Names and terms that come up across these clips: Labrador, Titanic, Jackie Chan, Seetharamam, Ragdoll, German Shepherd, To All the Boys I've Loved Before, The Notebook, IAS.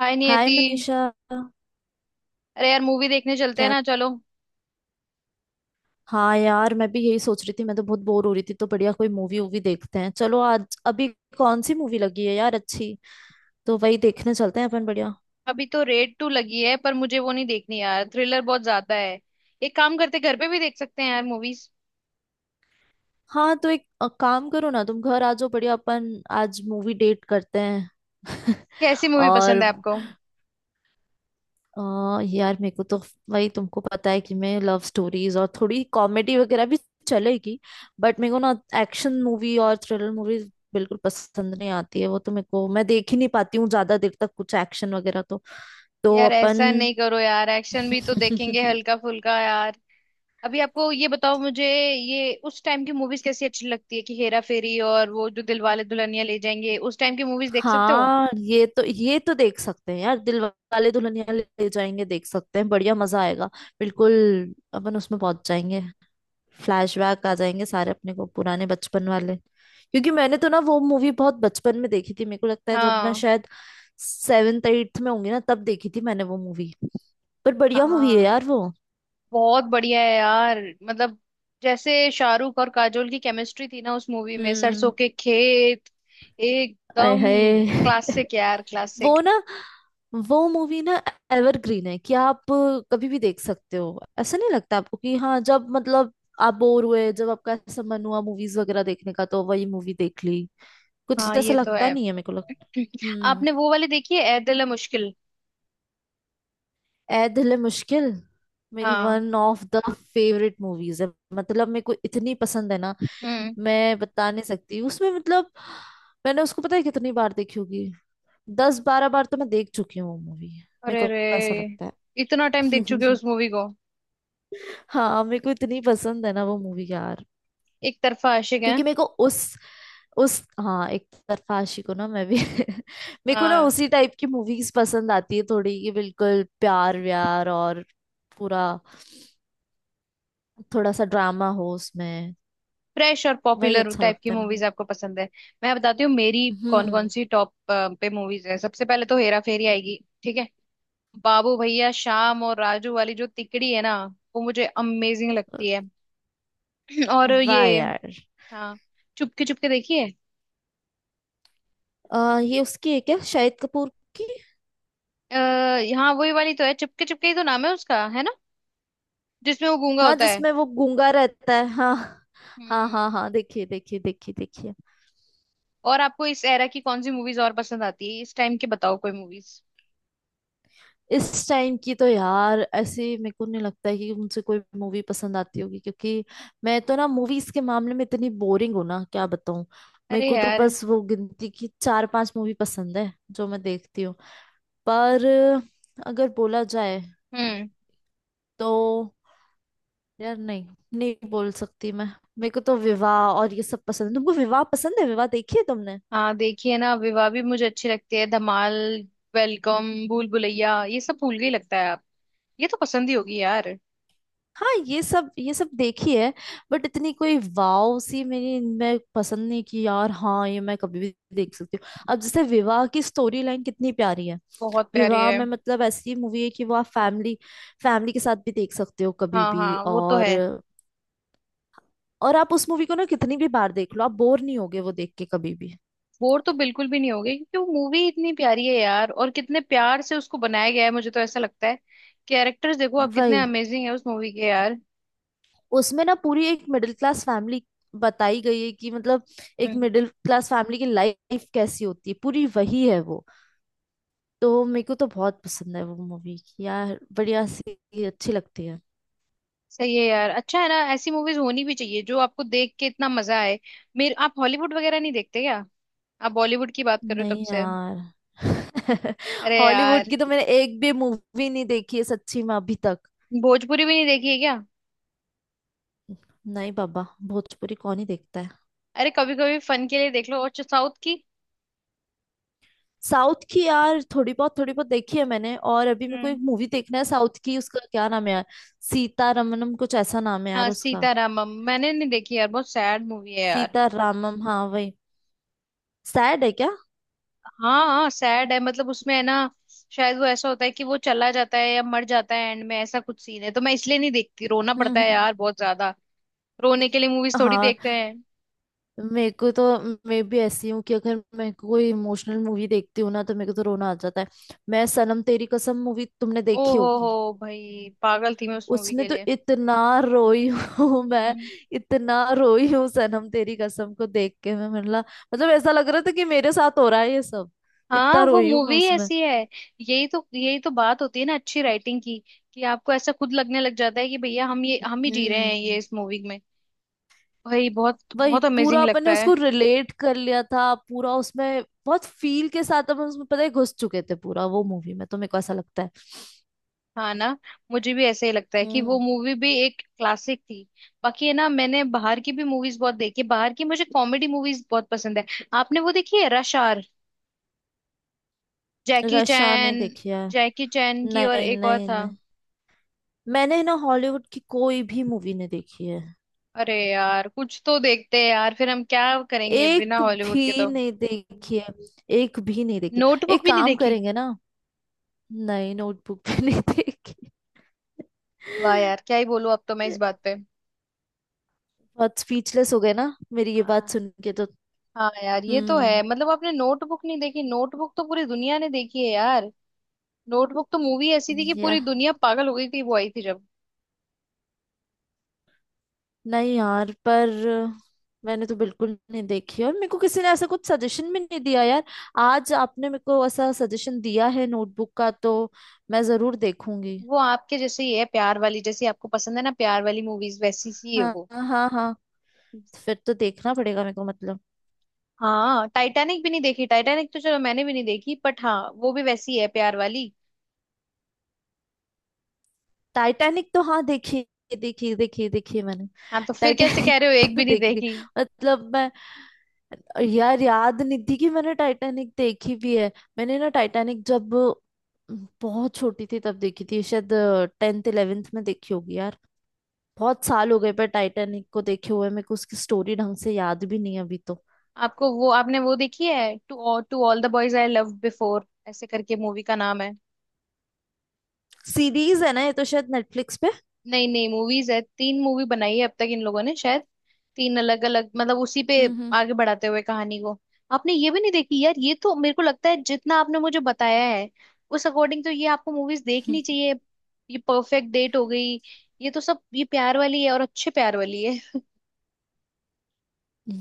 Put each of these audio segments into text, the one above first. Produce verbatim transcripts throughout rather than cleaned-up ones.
हाय hi Niyati. Manisha. अरे यार, movie देखने चलते हैं क्या ना, चलो। हाँ यार, मैं भी यही सोच रही थी, मैं तो बहुत बोर हो रही थी तो बढ़िया कोई मूवी वूवी देखते हैं, चलो आज अभी। कौन सी मूवी लगी है यार अच्छी? तो वही देखने चलते हैं अपन, बढ़िया। अभी तो रेड टू लगी है, पर मुझे वो नहीं देखनी यार, थ्रिलर बहुत ज्यादा है। एक काम करते, घर पे भी देख सकते हैं यार मूवीज। हाँ तो एक अ, काम करो ना, तुम घर आ जाओ, बढ़िया अपन आज मूवी डेट करते हैं। कैसी मूवी पसंद और है आपको? अ, यार मेरे को तो वही, तुमको पता है कि मैं लव स्टोरीज और थोड़ी कॉमेडी वगैरह भी चलेगी। बट मेरे को ना एक्शन मूवी और थ्रिलर मूवी बिल्कुल पसंद नहीं आती है, वो तो मेरे को मैं देख ही नहीं पाती हूँ ज्यादा देर तक, कुछ एक्शन वगैरह तो। तो यार ऐसा अपन नहीं करो यार, एक्शन भी तो देखेंगे हल्का फुल्का यार। अभी आपको ये बताओ मुझे, ये उस टाइम की मूवीज कैसी अच्छी लगती है कि हेरा फेरी और वो जो दिलवाले दुल्हनिया ले जाएंगे, उस टाइम की मूवीज देख सकते हो? हाँ ये तो ये तो देख सकते हैं यार, दिल वाले दुल्हनिया ले जाएंगे देख सकते हैं बढ़िया, मजा आएगा बिल्कुल। अपन उसमें पहुंच जाएंगे, फ्लैशबैक आ जाएंगे सारे अपने को पुराने बचपन वाले, क्योंकि मैंने तो ना वो मूवी बहुत बचपन में देखी थी, मेरे को लगता है जब मैं हाँ। शायद सेवेंथ एट्थ में होंगी ना तब देखी थी मैंने वो मूवी, पर बढ़िया मूवी है हाँ, यार वो। बहुत बढ़िया है यार, मतलब जैसे शाहरुख और काजोल की केमिस्ट्री थी ना उस मूवी में, सरसों हम्म। के खेत, आय एकदम हाय। क्लासिक यार, वो क्लासिक। ना, वो मूवी ना एवरग्रीन है कि आप कभी भी देख सकते हो, ऐसा नहीं लगता आपको कि हाँ जब मतलब आप बोर हुए, जब आपका ऐसा मन हुआ मूवीज वगैरह देखने का तो वही मूवी देख ली, कुछ हाँ ऐसा ये तो लगता है। नहीं है मेरे को, लगता। आपने वो वाली देखी है, ऐ दिल है मुश्किल? ए दिल है मुश्किल मेरी हाँ। One of the favourite movies है, मतलब मेरे को इतनी पसंद है ना, हम्म। मैं बता नहीं सकती उसमें, मतलब मैंने उसको पता है कितनी बार देखी होगी। दस बारह बार तो मैं देख चुकी हूँ वो मूवी, मेरे अरे को रे, ऐसा लगता इतना टाइम देख चुके हो है। उस मूवी को? हाँ मेरे को इतनी पसंद है ना वो मूवी यार, एक तरफा आशिक है। क्योंकि मेरे को उस उस हाँ, एक तरफा आशिक हूँ ना मैं भी। मेरे को ना हाँ, उसी टाइप की मूवीज पसंद आती है थोड़ी, कि बिल्कुल प्यार व्यार और पूरा, थोड़ा सा ड्रामा हो उसमें, फ्रेश और वही पॉपुलर अच्छा टाइप की लगता है मूवीज मुझे। आपको पसंद है। मैं बताती हूँ मेरी, कौन कौन हम्म। सी टॉप पे मूवीज है। सबसे पहले तो हेरा फेरी आएगी, ठीक है। बाबू भैया, शाम और राजू वाली जो तिकड़ी है ना, वो मुझे अमेजिंग लगती है। और वाह ये, यार। हाँ, चुपके चुपके देखिए। आ, ये उसकी है क्या, शाहिद कपूर की? अः हाँ, वही वाली तो है, चुपके चुपके ही तो नाम है उसका, है ना? जिसमें वो गूंगा हाँ होता है। जिसमें वो गूंगा रहता है, हाँ। हाँ हाँ हम्म। हाँ, देखिए देखिए देखिए देखिए। और आपको इस एरा की कौन सी मूवीज और पसंद आती है? इस टाइम की बताओ कोई मूवीज। इस टाइम की तो यार ऐसे मेरे को नहीं लगता है कि मुझसे कोई मूवी पसंद आती होगी, क्योंकि मैं तो ना मूवीज के मामले में इतनी बोरिंग हूँ ना, क्या बताऊँ। मेरे अरे को तो यार। बस वो गिनती की चार पांच मूवी पसंद है जो मैं देखती हूँ। पर अगर बोला जाए हम्म। तो यार, नहीं नहीं बोल सकती मैं। मेरे को तो विवाह और ये सब पसंद है, तुमको विवाह पसंद है? विवाह देखी है तुमने? हाँ देखिए ना, विवाह भी मुझे अच्छी लगती है। धमाल, वेलकम, भूल भुलैया, ये सब भूल गई लगता है आप। ये तो पसंद ही होगी यार। हाँ ये सब ये सब देखी है, बट इतनी कोई वाव सी मेरी मैं पसंद नहीं की यार, हाँ ये मैं कभी भी देख सकती हूँ, अब जैसे विवाह की स्टोरी लाइन कितनी प्यारी है। बहुत प्यारी विवाह है। में मतलब ऐसी मूवी है कि वो आप फैमिली फैमिली के साथ भी देख सकते हो कभी हाँ भी, हाँ, वो तो और है। और आप उस मूवी को ना कितनी भी बार देख लो आप बोर नहीं होगे वो देख के कभी भी, बोर तो बिल्कुल भी नहीं होगे, क्योंकि वो मूवी इतनी प्यारी है यार, और कितने प्यार से उसको बनाया गया है, मुझे तो ऐसा लगता है। कैरेक्टर्स देखो आप वही। कितने अमेजिंग है उस मूवी के यार। उसमें ना पूरी एक मिडिल क्लास फैमिली बताई गई है कि मतलब एक हम्म। मिडिल क्लास फैमिली की लाइफ कैसी होती है, पूरी वही है वो। तो मेरे को तो बहुत पसंद है वो मूवी यार, बढ़िया सी अच्छी लगती है। सही है यार, अच्छा है ना, ऐसी मूवीज होनी भी चाहिए जो आपको देख के इतना मजा आए। मेरे, आप हॉलीवुड वगैरह नहीं देखते क्या? आप बॉलीवुड की बात कर रहे हो तब नहीं से। यार। अरे हॉलीवुड यार, की तो मैंने एक भी मूवी नहीं देखी है सच्ची में अभी तक। भोजपुरी भी नहीं देखी है क्या? नहीं बाबा, भोजपुरी कौन ही देखता है। अरे, कभी कभी फन के लिए देख लो। और साउथ की? साउथ की यार थोड़ी बहुत थोड़ी बहुत देखी है मैंने, और अभी मेरे को हम्म। एक मूवी देखना है साउथ की, उसका क्या नाम है यार? सीता रमनम, कुछ ऐसा नाम है यार हाँ उसका। सीतारामम मैंने नहीं देखी यार, बहुत सैड मूवी है यार। सीतारामम हाँ वही। सैड है क्या? हाँ हाँ सैड है, मतलब उसमें है ना, शायद वो ऐसा होता है कि वो चला जाता है या मर जाता है एंड में, ऐसा कुछ सीन है, तो मैं इसलिए नहीं देखती, रोना हम्म पड़ता है हम्म। यार बहुत ज्यादा। रोने के लिए मूवीज थोड़ी हाँ देखते हैं? मेरे को तो, मैं भी ऐसी हूँ कि अगर मैं कोई इमोशनल मूवी देखती हूँ ना तो मेरे को तो रोना आ जाता है। मैं सनम तेरी कसम मूवी तुमने ओ देखी हो होगी? हो भाई पागल थी मैं उस मूवी उसमें के तो लिए। इतना रोई हूँ मैं, हम्म। इतना रोई हूँ सनम तेरी कसम को देख के मैं, मतलब मतलब ऐसा लग रहा था कि मेरे साथ हो रहा है ये सब, हाँ इतना वो रोई हूँ मैं मूवी उसमें। ऐसी है। यही तो यही तो बात होती है ना अच्छी राइटिंग की, कि आपको ऐसा खुद लगने लग जाता है कि भैया हम ये हम ही जी रहे हैं ये हम्म। इस मूवी में। भाई बहुत वही, बहुत पूरा अमेजिंग अपन ने लगता है। उसको रिलेट कर लिया था, पूरा उसमें बहुत फील के साथ अपन उसमें पता है घुस चुके थे पूरा वो मूवी में, तो मेरे को ऐसा लगता है। हाँ ना, मुझे भी ऐसे ही लगता है कि वो हम्म। मूवी भी एक क्लासिक थी। बाकी है ना, मैंने बाहर की भी मूवीज बहुत देखी है। बाहर की मुझे कॉमेडी मूवीज बहुत पसंद है। आपने वो देखी है, रश आवर? जैकी रशा नहीं चैन। देखी है। जैकी चैन की, और नहीं एक और नहीं था। नहीं, मैंने ना हॉलीवुड की कोई भी मूवी नहीं देखी है, अरे यार कुछ तो देखते हैं यार, फिर हम क्या करेंगे बिना एक हॉलीवुड के भी तो। नहीं देखी है, एक भी नहीं देखी। नोटबुक एक भी नहीं काम देखी? करेंगे ना, नहीं नोटबुक भी नहीं देखी। वाह यार, क्या ही बोलूं अब तो मैं इस बात पे। बहुत स्पीचलेस हो गए ना मेरी ये बात हाँ। सुन के तो। हाँ यार ये तो हम्म। है, मतलब आपने नोटबुक नहीं देखी, नोटबुक तो पूरी दुनिया ने देखी है यार। नोटबुक तो मूवी ऐसी थी कि पूरी दुनिया पागल हो गई थी वो आई थी जब। नहीं यार, पर मैंने तो बिल्कुल नहीं देखी, और मेरे को किसी ने ऐसा कुछ सजेशन भी नहीं दिया यार, आज आपने मेरे को ऐसा सजेशन दिया है नोटबुक का, तो मैं जरूर देखूंगी। वो आपके जैसे ही है, प्यार वाली, जैसी आपको पसंद है ना, प्यार वाली मूवीज, वैसी सी है हाँ वो। हाँ हाँ हाँ। फिर तो देखना पड़ेगा मेरे को मतलब। हाँ, टाइटैनिक भी नहीं देखी? टाइटैनिक तो चलो मैंने भी नहीं देखी बट, हाँ वो भी वैसी है प्यार वाली। टाइटैनिक तो हाँ देखी, देखी देखी देखी मैंने। आप तो फिर कैसे कह टाइटैनिक रहे हो एक तो भी नहीं देखी थी, देखी? मतलब मैं, यार याद नहीं थी कि मैंने टाइटैनिक देखी भी है, मैंने ना टाइटैनिक जब बहुत छोटी थी तब देखी थी शायद, टेंथ इलेवेंथ में देखी होगी यार, बहुत साल हो गए पर टाइटैनिक को देखे हुए, मेरे को उसकी स्टोरी ढंग से याद भी नहीं है अभी तो। आपको वो आपने वो देखी है, to to all the boys I love before, ऐसे करके मूवी का नाम है। सीरीज है ना ये तो, शायद नेटफ्लिक्स पे। नहीं नहीं, मूवीज है, तीन मूवी बनाई है अब तक इन लोगों ने शायद, तीन अलग अलग मतलब उसी पे हम्म हम्म आगे बढ़ाते हुए कहानी को। आपने ये भी नहीं देखी यार, ये तो मेरे को लगता है जितना आपने मुझे बताया है, उस अकॉर्डिंग तो ये आपको मूवीज हम्म। देखनी चाहिए। ये परफेक्ट डेट हो गई। ये तो सब ये प्यार वाली है और अच्छे प्यार वाली है।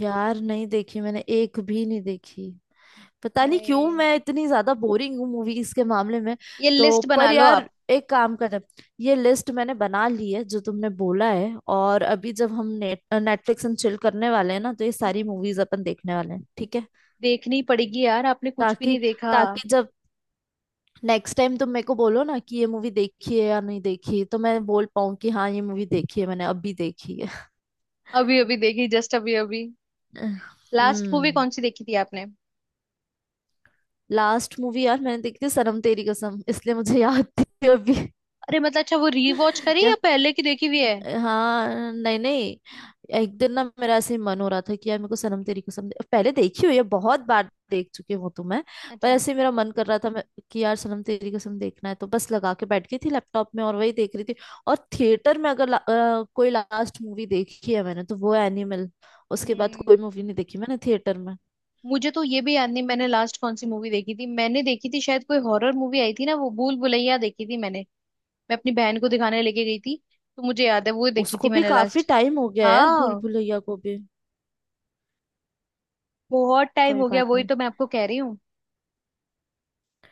यार नहीं देखी मैंने, एक भी नहीं देखी, पता नहीं है। क्यों मैं इतनी ज्यादा बोरिंग हूँ मूवीज के मामले में। ये तो लिस्ट बना पर लो यार, आप। एक काम करें, ये लिस्ट मैंने बना ली है जो तुमने बोला है, और अभी जब हम नेट नेटफ्लिक्स एंड चिल करने वाले हैं ना तो ये सारी हम्म। मूवीज अपन देखने वाले हैं, ठीक है? देखनी पड़ेगी यार, आपने कुछ भी ताकि, नहीं देखा। ताकि जब नेक्स्ट टाइम तुम मेरे को बोलो ना कि ये मूवी देखी है या नहीं देखी, तो मैं बोल पाऊँ कि हाँ ये मूवी देखी है मैंने, अभी देखी है। अभी अभी देखी, जस्ट अभी अभी। लास्ट मूवी हम्म। कौन सी देखी थी आपने? लास्ट मूवी यार मैंने देखी थी सनम तेरी कसम, इसलिए मुझे याद थी अभी। अरे मतलब अच्छा, वो रीवॉच करी या पहले की देखी हुई है? हाँ नहीं नहीं, एक दिन ना मेरा ऐसे ही मन हो रहा था कि यार मेरे को सनम तेरी कसम दे- पहले देखी हुई है बहुत बार देख चुकी हूँ तो मैं, पर अच्छा। ऐसे ही मेरा मन कर रहा था मैं कि यार सनम तेरी कसम देखना है, तो बस लगा के बैठ गई थी लैपटॉप में और वही देख रही थी। और थिएटर में अगर ला, अ, कोई लास्ट मूवी देखी है मैंने तो वो एनिमल, उसके बाद कोई हम्म। मूवी नहीं देखी मैंने थिएटर में। मुझे तो ये भी याद नहीं मैंने लास्ट कौन सी मूवी देखी थी, मैंने देखी थी शायद कोई हॉरर मूवी आई थी ना, वो भूल भुलैया देखी थी मैंने। मैं अपनी बहन को दिखाने लेके गई थी, तो मुझे याद है वो देखी उसको थी भी मैंने काफी लास्ट। टाइम हो गया है यार, भूल हाँ। भुलैया को भी। बहुत टाइम कोई हो गया, बात वही नहीं, तो मैं आपको कह रही हूँ।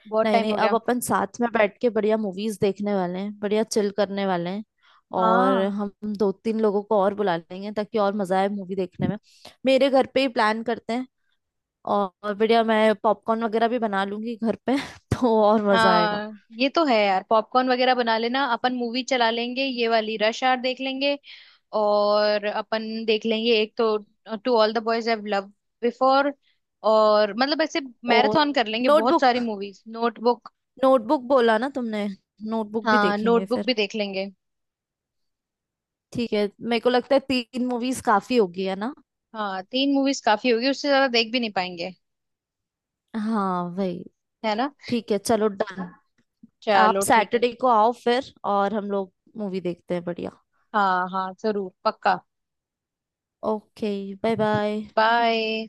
बहुत नहीं टाइम नहीं हो अब गया। अपन साथ में बैठ के बढ़िया मूवीज देखने वाले हैं, बढ़िया चिल करने वाले हैं। और हाँ। हम दो तीन लोगों को और बुला लेंगे ताकि और मजा आए मूवी देखने में, मेरे घर पे ही प्लान करते हैं, और और बढ़िया, मैं पॉपकॉर्न वगैरह भी बना लूंगी घर पे तो और मजा आएगा। हाँ ये तो है यार, पॉपकॉर्न वगैरह बना लेना, अपन मूवी चला लेंगे, ये वाली रश आवर देख लेंगे, और अपन देख लेंगे एक तो to all the boys I love before, और मतलब ऐसे और मैराथन कर लेंगे बहुत सारी नोटबुक। मूवीज। नोटबुक। नोटबुक बोला ना तुमने, नोटबुक भी हाँ देखेंगे नोटबुक फिर। भी देख लेंगे। ठीक है, मेरे को लगता है तीन मूवीज काफी होगी, है ना? हाँ तीन मूवीज काफी होगी, उससे ज्यादा देख भी नहीं पाएंगे। हाँ वही, है ना? ठीक है चलो डन। आप चलो ठीक है। सैटरडे को आओ फिर और हम लोग मूवी देखते हैं बढ़िया। हाँ हाँ जरूर पक्का। ओके। Bye bye. बाय।